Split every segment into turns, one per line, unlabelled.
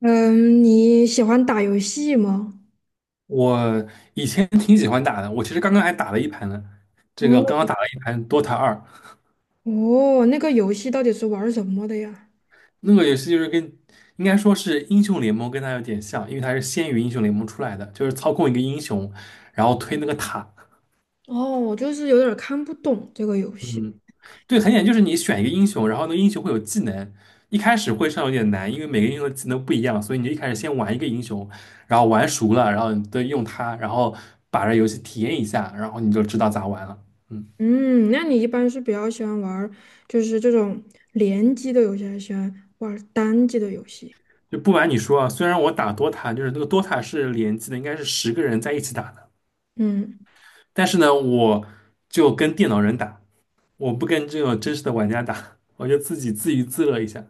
嗯，你喜欢打游戏吗？
我以前挺喜欢打的，我其实刚刚还打了一盘呢。这
嗯，
个刚刚打了一盘《Dota 二》，
哦，那个游戏到底是玩儿什么的呀？
那个游戏就是跟应该说是英雄联盟跟它有点像，因为它是先于英雄联盟出来的，就是操控一个英雄，然后推那个塔。
哦，我就是有点儿看不懂这个游戏。
嗯，对，很简单，就是你选一个英雄，然后那个英雄会有技能，一开始会上有点难，因为每个英雄的技能不一样，所以你就一开始先玩一个英雄，然后玩熟了，然后你再用它，然后把这游戏体验一下，然后你就知道咋玩了。嗯。
嗯，那你一般是比较喜欢玩儿，就是这种联机的游戏，还是喜欢玩儿单机的游戏？
就不瞒你说啊，虽然我打 DOTA，就是那个 DOTA 是联机的，应该是10个人在一起打的，
嗯
但是呢，我就跟电脑人打，我不跟这种真实的玩家打，我就自己自娱自乐一下。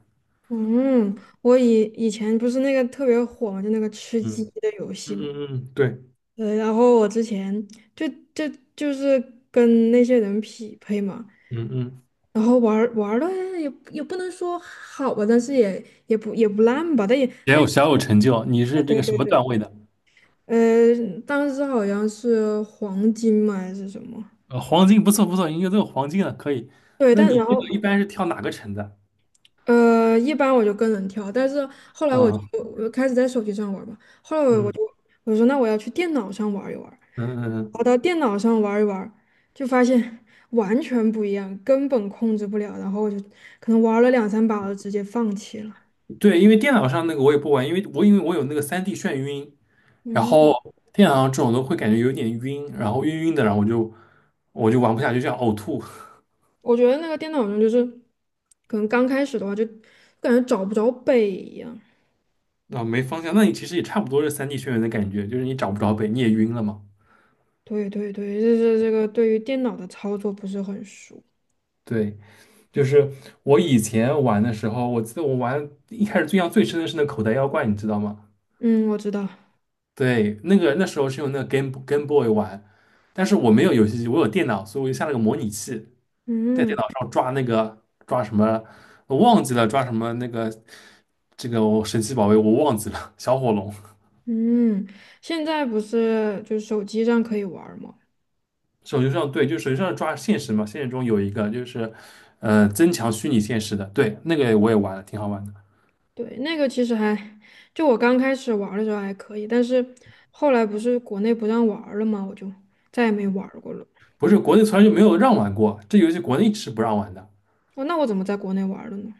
嗯，我以前不是那个特别火嘛，就那个吃鸡
嗯
的游戏
嗯
嘛。
嗯嗯，对，
然后我之前就就就是跟那些人匹配嘛。
嗯嗯，
然后玩儿玩儿的也不能说好吧，但是也不烂吧，但也
也
但
有小有成就。你是这
对
个什
对
么
对，
段位的？
当时好像是黄金嘛还是什么，
呃，黄金不错不错，应该都有黄金了，可以。
对，
那
但然
你这
后
个一般是跳哪个城的？
一般我就跟人跳，但是后来我就
嗯
我就开始在手机上玩儿嘛，后来
嗯
我说那我要去电脑上玩一玩儿，
嗯嗯，
跑到电脑上玩一玩儿，就发现 完全不一样，根本控制不了，然后我就可能玩了两三把，我就直接放弃了。
嗯对，因为电脑上那个我也不玩，因为我有那个三 d 眩晕，然后
嗯。
电脑上这种都会感觉有点晕，然后晕晕的，然后我就玩不下去，就想呕吐，
我觉得那个电脑上就是，可能刚开始的话就感觉找不着北一样。
啊，没方向。那你其实也差不多是三 d 眩晕的感觉，就是你找不着北，你也晕了嘛。
对对对，就是这个对于电脑的操作不是很熟。
对，就是我以前玩的时候，我记得我玩一开始印象最深的是那口袋妖怪，你知道吗？
嗯，我知道。
对，那个那时候是用那个 Game Boy 玩，但是我没有游戏机，我有电脑，所以我就下了个模拟器。在
嗯
电脑上抓那个抓什么，我忘记了抓什么那个这个我神奇宝贝我忘记了，小火龙。
嗯，现在不是就是手机上可以玩儿吗？
手机上对，就手机上抓现实嘛，现实中有一个就是，呃，增强虚拟现实的，对，那个我也玩了，挺好玩的。
对，那个其实还，就我刚开始玩儿的时候还可以，但是后来不是国内不让玩儿了吗？我就再也没玩儿过了。
不是国内从来就没有让玩过，这游戏国内是不让玩的。
哦，那我怎么在国内玩儿了呢？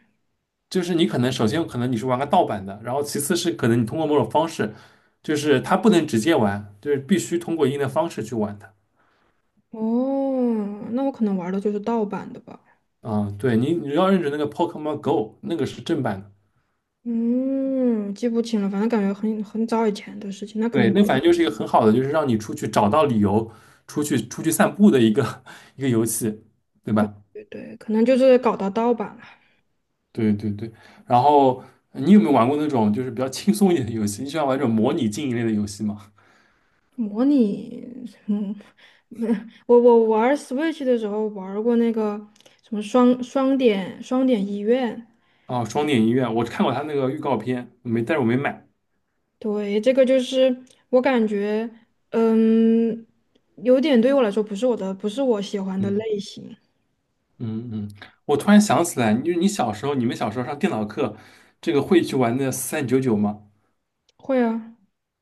就是你可能首先可能你是玩个盗版的，然后其次是可能你通过某种方式，就是它不能直接玩，就是必须通过一定的方式去玩的。
哦，那我可能玩儿的就是盗版的吧。
啊、对你要认准那个 Pokemon Go，那个是正版的。
嗯，记不清了，反正感觉很早以前的事情，那可
对，
能就
那反正就是一个很好的，就是让你出去找到理由，出去散步的一个 一个游戏，对
对
吧？
对对，可能就是搞到盗版了。
对对对。然后你有没有玩过那种就是比较轻松一点的游戏？你喜欢玩这种模拟经营类的游戏吗？
模拟，嗯，没我玩 Switch 的时候玩过那个什么双点医院，
哦，双点医院，我看过他那个预告片，没，但是我没买。
对，这个就是我感觉，嗯，有点对我来说不是我的，不是我喜欢的
嗯
类型。
嗯嗯，我突然想起来，你小时候，你们小时候上电脑课，这个会去玩的四三九九吗？
会啊，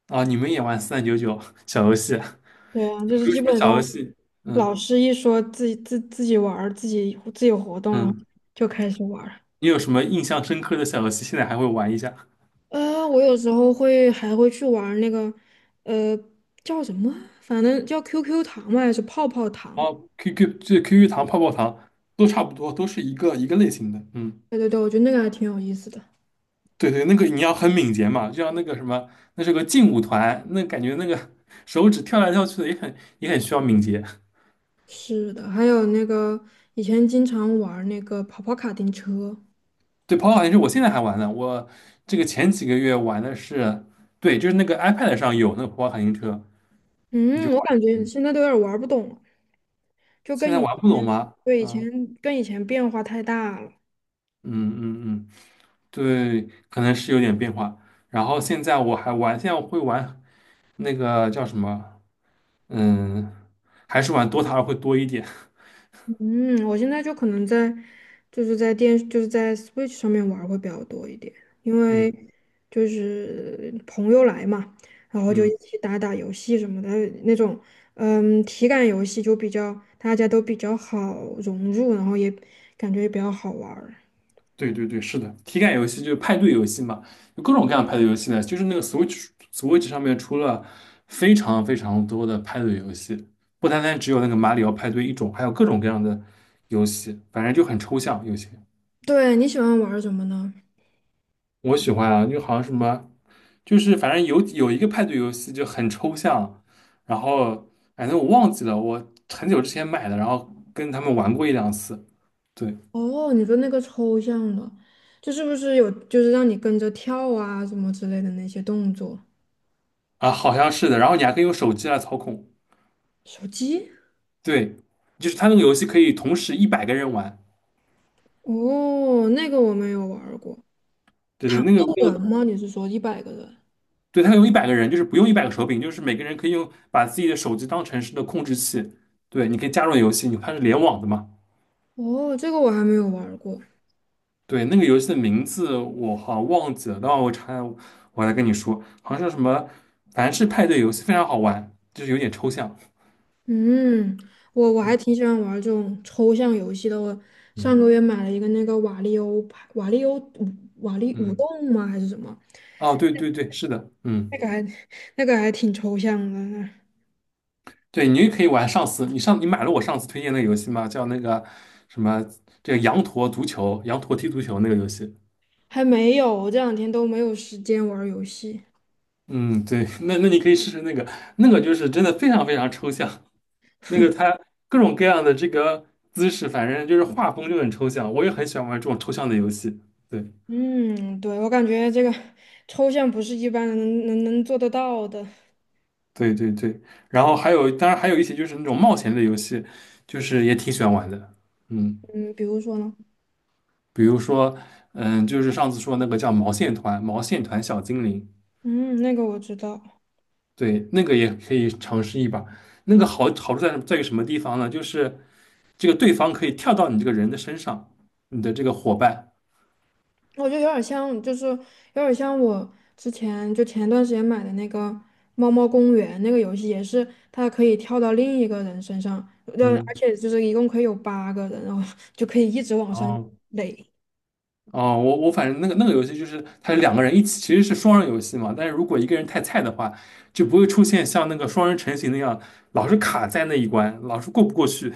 啊，你们也玩四三九九小游戏啊？
对啊，
有
就是
没有
基
什么
本
小游
上
戏？
老
嗯
师一说自己玩儿自己活动，了，
嗯。
就开始玩。
你有什么印象深刻的小游戏？现在还会玩一下？
我有时候会还会去玩儿那个，呃，叫什么啊？反正叫 QQ 糖嘛，还是泡泡糖？
哦，QQ 这 QQ 糖、泡泡糖都差不多，都是一个一个类型的。嗯，
对对对，我觉得那个还挺有意思的。
对对，那个你要很敏捷嘛，就像那个什么，那是个劲舞团，那感觉那个手指跳来跳去的也很也很需要敏捷。
是的，还有那个以前经常玩儿那个跑跑卡丁车，
对，跑跑糖也是我现在还玩呢，我这个前几个月玩的是，对，就是那个 iPad 上有那个跑跑卡丁车，你就
嗯，
玩
我感
就可
觉
以。
现在都有点儿玩儿不懂了，就
现
跟
在
以
玩不懂
前，
吗？
对，
嗯
跟以前变化太大了。
嗯嗯嗯对，可能是有点变化。然后现在我还玩，现在我会玩那个叫什么？嗯，还是玩 DOTA 会多一点。
嗯，我现在就可能在，就是在电，就是在 Switch 上面玩儿会比较多一点，因为
嗯
就是朋友来嘛，然后就一
嗯，
起打打游戏什么的那种，嗯，体感游戏就比较大家都比较好融入，然后也感觉也比较好玩儿。
对对对，是的，体感游戏就是派对游戏嘛，有各种各样的派对游戏呢。就是那个 Switch 上面出了非常非常多的派对游戏，不单单只有那个马里奥派对一种，还有各种各样的游戏，反正就很抽象有些。
对，你喜欢玩儿什么呢？
我喜欢啊，就好像什么。就是反正有一个派对游戏就很抽象，然后反正我忘记了，我很久之前买的，然后跟他们玩过一两次，对
哦，你说那个抽象的，就是不是有就是让你跟着跳啊什么之类的那些动作？
啊，好像是的，然后你还可以用手机来操控，
手机？
对，就是他那个游戏可以同时一百个人玩，
哦，那个我没有玩儿过。
对对，
糖
那个那
豆
个
人吗？你是说100个人？
对，他有一百个人，就是不用100个手柄，就是每个人可以用把自己的手机当成是的控制器，对，你可以加入游戏，你它是联网的嘛。
哦，这个我还没有玩儿过。
对，那个游戏的名字我好像忘记了，等会儿我查一下，我来跟你说，好像是什么凡是派对游戏，非常好玩，就是有点抽象。
嗯，我还挺喜欢玩儿这种抽象游戏的。我上
嗯
个月买了一个那个瓦力欧牌，瓦力欧舞瓦力舞
嗯，
动吗？还是什么？
哦，对对对，是的，
那
嗯，
个还那个还挺抽象的，
对，你也可以玩上次，你买了我上次推荐那个游戏吗？叫那个什么，这个羊驼足球，羊驼踢足球那个游戏。
还没有，这2天都没有时间玩儿游戏。
嗯，对，那那你可以试试那个，那个就是真的非常非常抽象，那个它各种各样的这个姿势，反正就是画风就很抽象，我也很喜欢玩这种抽象的游戏。对。
嗯，对，我感觉这个抽象不是一般人能做得到的。
对对对，然后还有，当然还有一些就是那种冒险类游戏，就是也挺喜欢玩的。嗯，
嗯，比如说呢？
比如说，嗯，就是上次说那个叫毛线团，毛线团小精灵，
嗯，那个我知道。
对，那个也可以尝试一把。那个好处在于什么地方呢？就是这个对方可以跳到你这个人的身上，你的这个伙伴，
我觉得有点像，就是有点像我之前就前段时间买的那个《猫猫公园》那个游戏，也是它可以跳到另一个人身上，而
嗯，
且就是一共可以有8个人，然后 就可以一直往
然
上
后。
垒。
哦，我反正那个游戏就是它是两个人一起，其实是双人游戏嘛。但是如果一个人太菜的话，就不会出现像那个双人成型那样，老是卡在那一关，老是过不过去。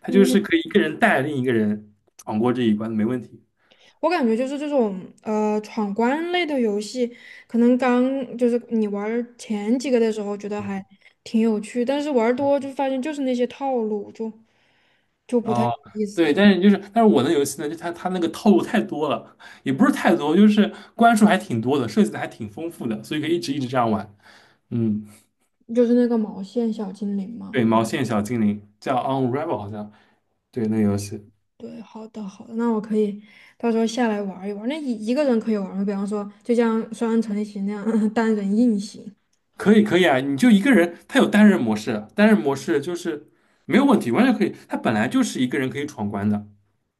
它就
嗯，
是可以一个人带另一个人闯过这一关，没问题。
我感觉就是这种闯关类的游戏，可能刚就是你玩儿前几个的时候觉得还挺有趣，但是玩儿多就发现就是那些套路，就不太有
哦，
意思
对，
了，
但是就是，但是我的游戏呢，就它那个套路太多了，也不是太多，就是关数还挺多的，设计的还挺丰富的，所以可以一直一直这样玩。嗯，
就是那个毛线小精灵嘛。
对，毛线小精灵叫 Unravel 好像，对，那个游戏。
对，好的好的，那我可以到时候下来玩一玩那一个人可以玩吗？比方说，就像双人成行那样 单人硬行。
可以可以啊，你就一个人，他有单人模式，单人模式就是没有问题，完全可以。他本来就是一个人可以闯关的。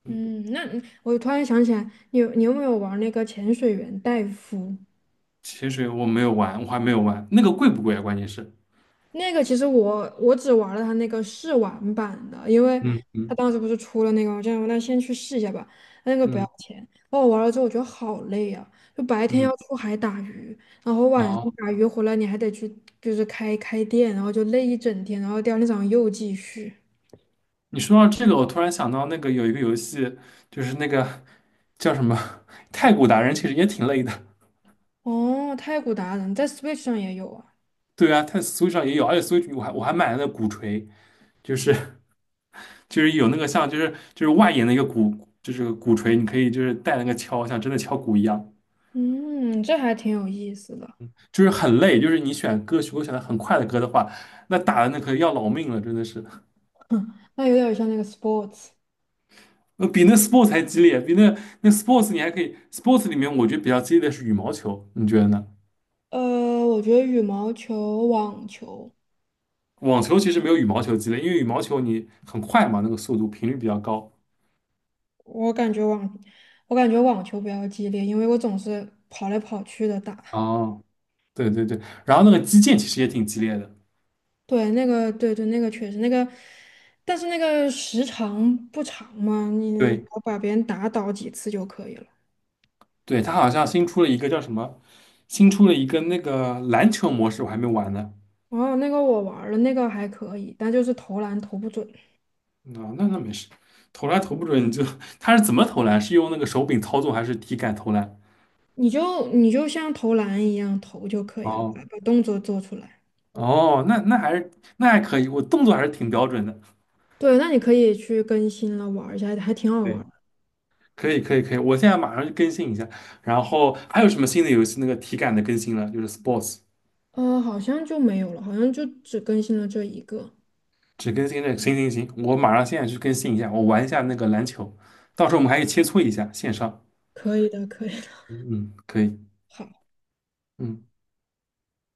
嗯，那你我突然想起来，你有没有玩那个潜水员戴夫？
潜水我没有玩，我还没有玩，那个贵不贵啊？关键是，
那个其实我只玩了他那个试玩版的，因为
嗯
他
嗯
当时不是出了那个，我这样那先去试一下吧，那个不要
嗯
钱。然我玩了之后，我觉得好累啊，就白天要
嗯，
出海打鱼，然后晚上
哦，
打鱼回来你还得去就是开店，然后就累一整天，然后第二天早上又继续。
你说到这个，我突然想到那个有一个游戏，就是那个叫什么《太鼓达人》，其实也挺累的。
哦，太古达人在 Switch 上也有啊，
对啊，它 Switch 上也有，而且 Switch 我还买了那鼓槌，就是就是有那个像就是外延的一个鼓，就是鼓槌，你可以就是带那个敲，像真的敲鼓一样。
嗯，这还挺有意思的，
就是很累，就是你选歌曲，如果选的很快的歌的话，那打的那可要老命了，真的是，
那有点像那个 sports。
呃，比那 sports 还激烈，比那 sports 你还可以，sports 里面我觉得比较激烈的是羽毛球，你觉得呢？
我觉得羽毛球、网球。
网球其实没有羽毛球激烈，因为羽毛球你很快嘛，那个速度频率比较高。
我感觉网，我感觉网球比较激烈，因为我总是跑来跑去的打。
哦，对对对，然后那个击剑其实也挺激烈的，
对，那个，对对，那个确实那个，但是那个时长不长嘛，你
对
我把别人打倒几次就可以了。
对，它好像新出了一个叫什么，新出了一个那个篮球模式，我还没玩呢。
哦，那个我玩儿了，那个还可以，但就是投篮投不准，
那没事，投篮投不准你就 他是怎么投篮？是用那个手柄操纵还是体感投篮？
你就像投篮一样投就可以了，
哦
把动作做出来。
哦，那还可以，我动作还是挺标准的。
对，那你可以去更新了玩儿一下，还挺好玩
对，
儿的。
可以可以可以，我现在马上就更新一下。然后还有什么新的游戏那个体感的更新了？就是 Sports
好像就没有了，好像就只更新了这一个。
只更新这个。行行行，我马上现在去更新一下，我玩一下那个篮球，到时候我们还可以切磋一下线上。
可以的，可以的。
嗯，可以，
好。
嗯。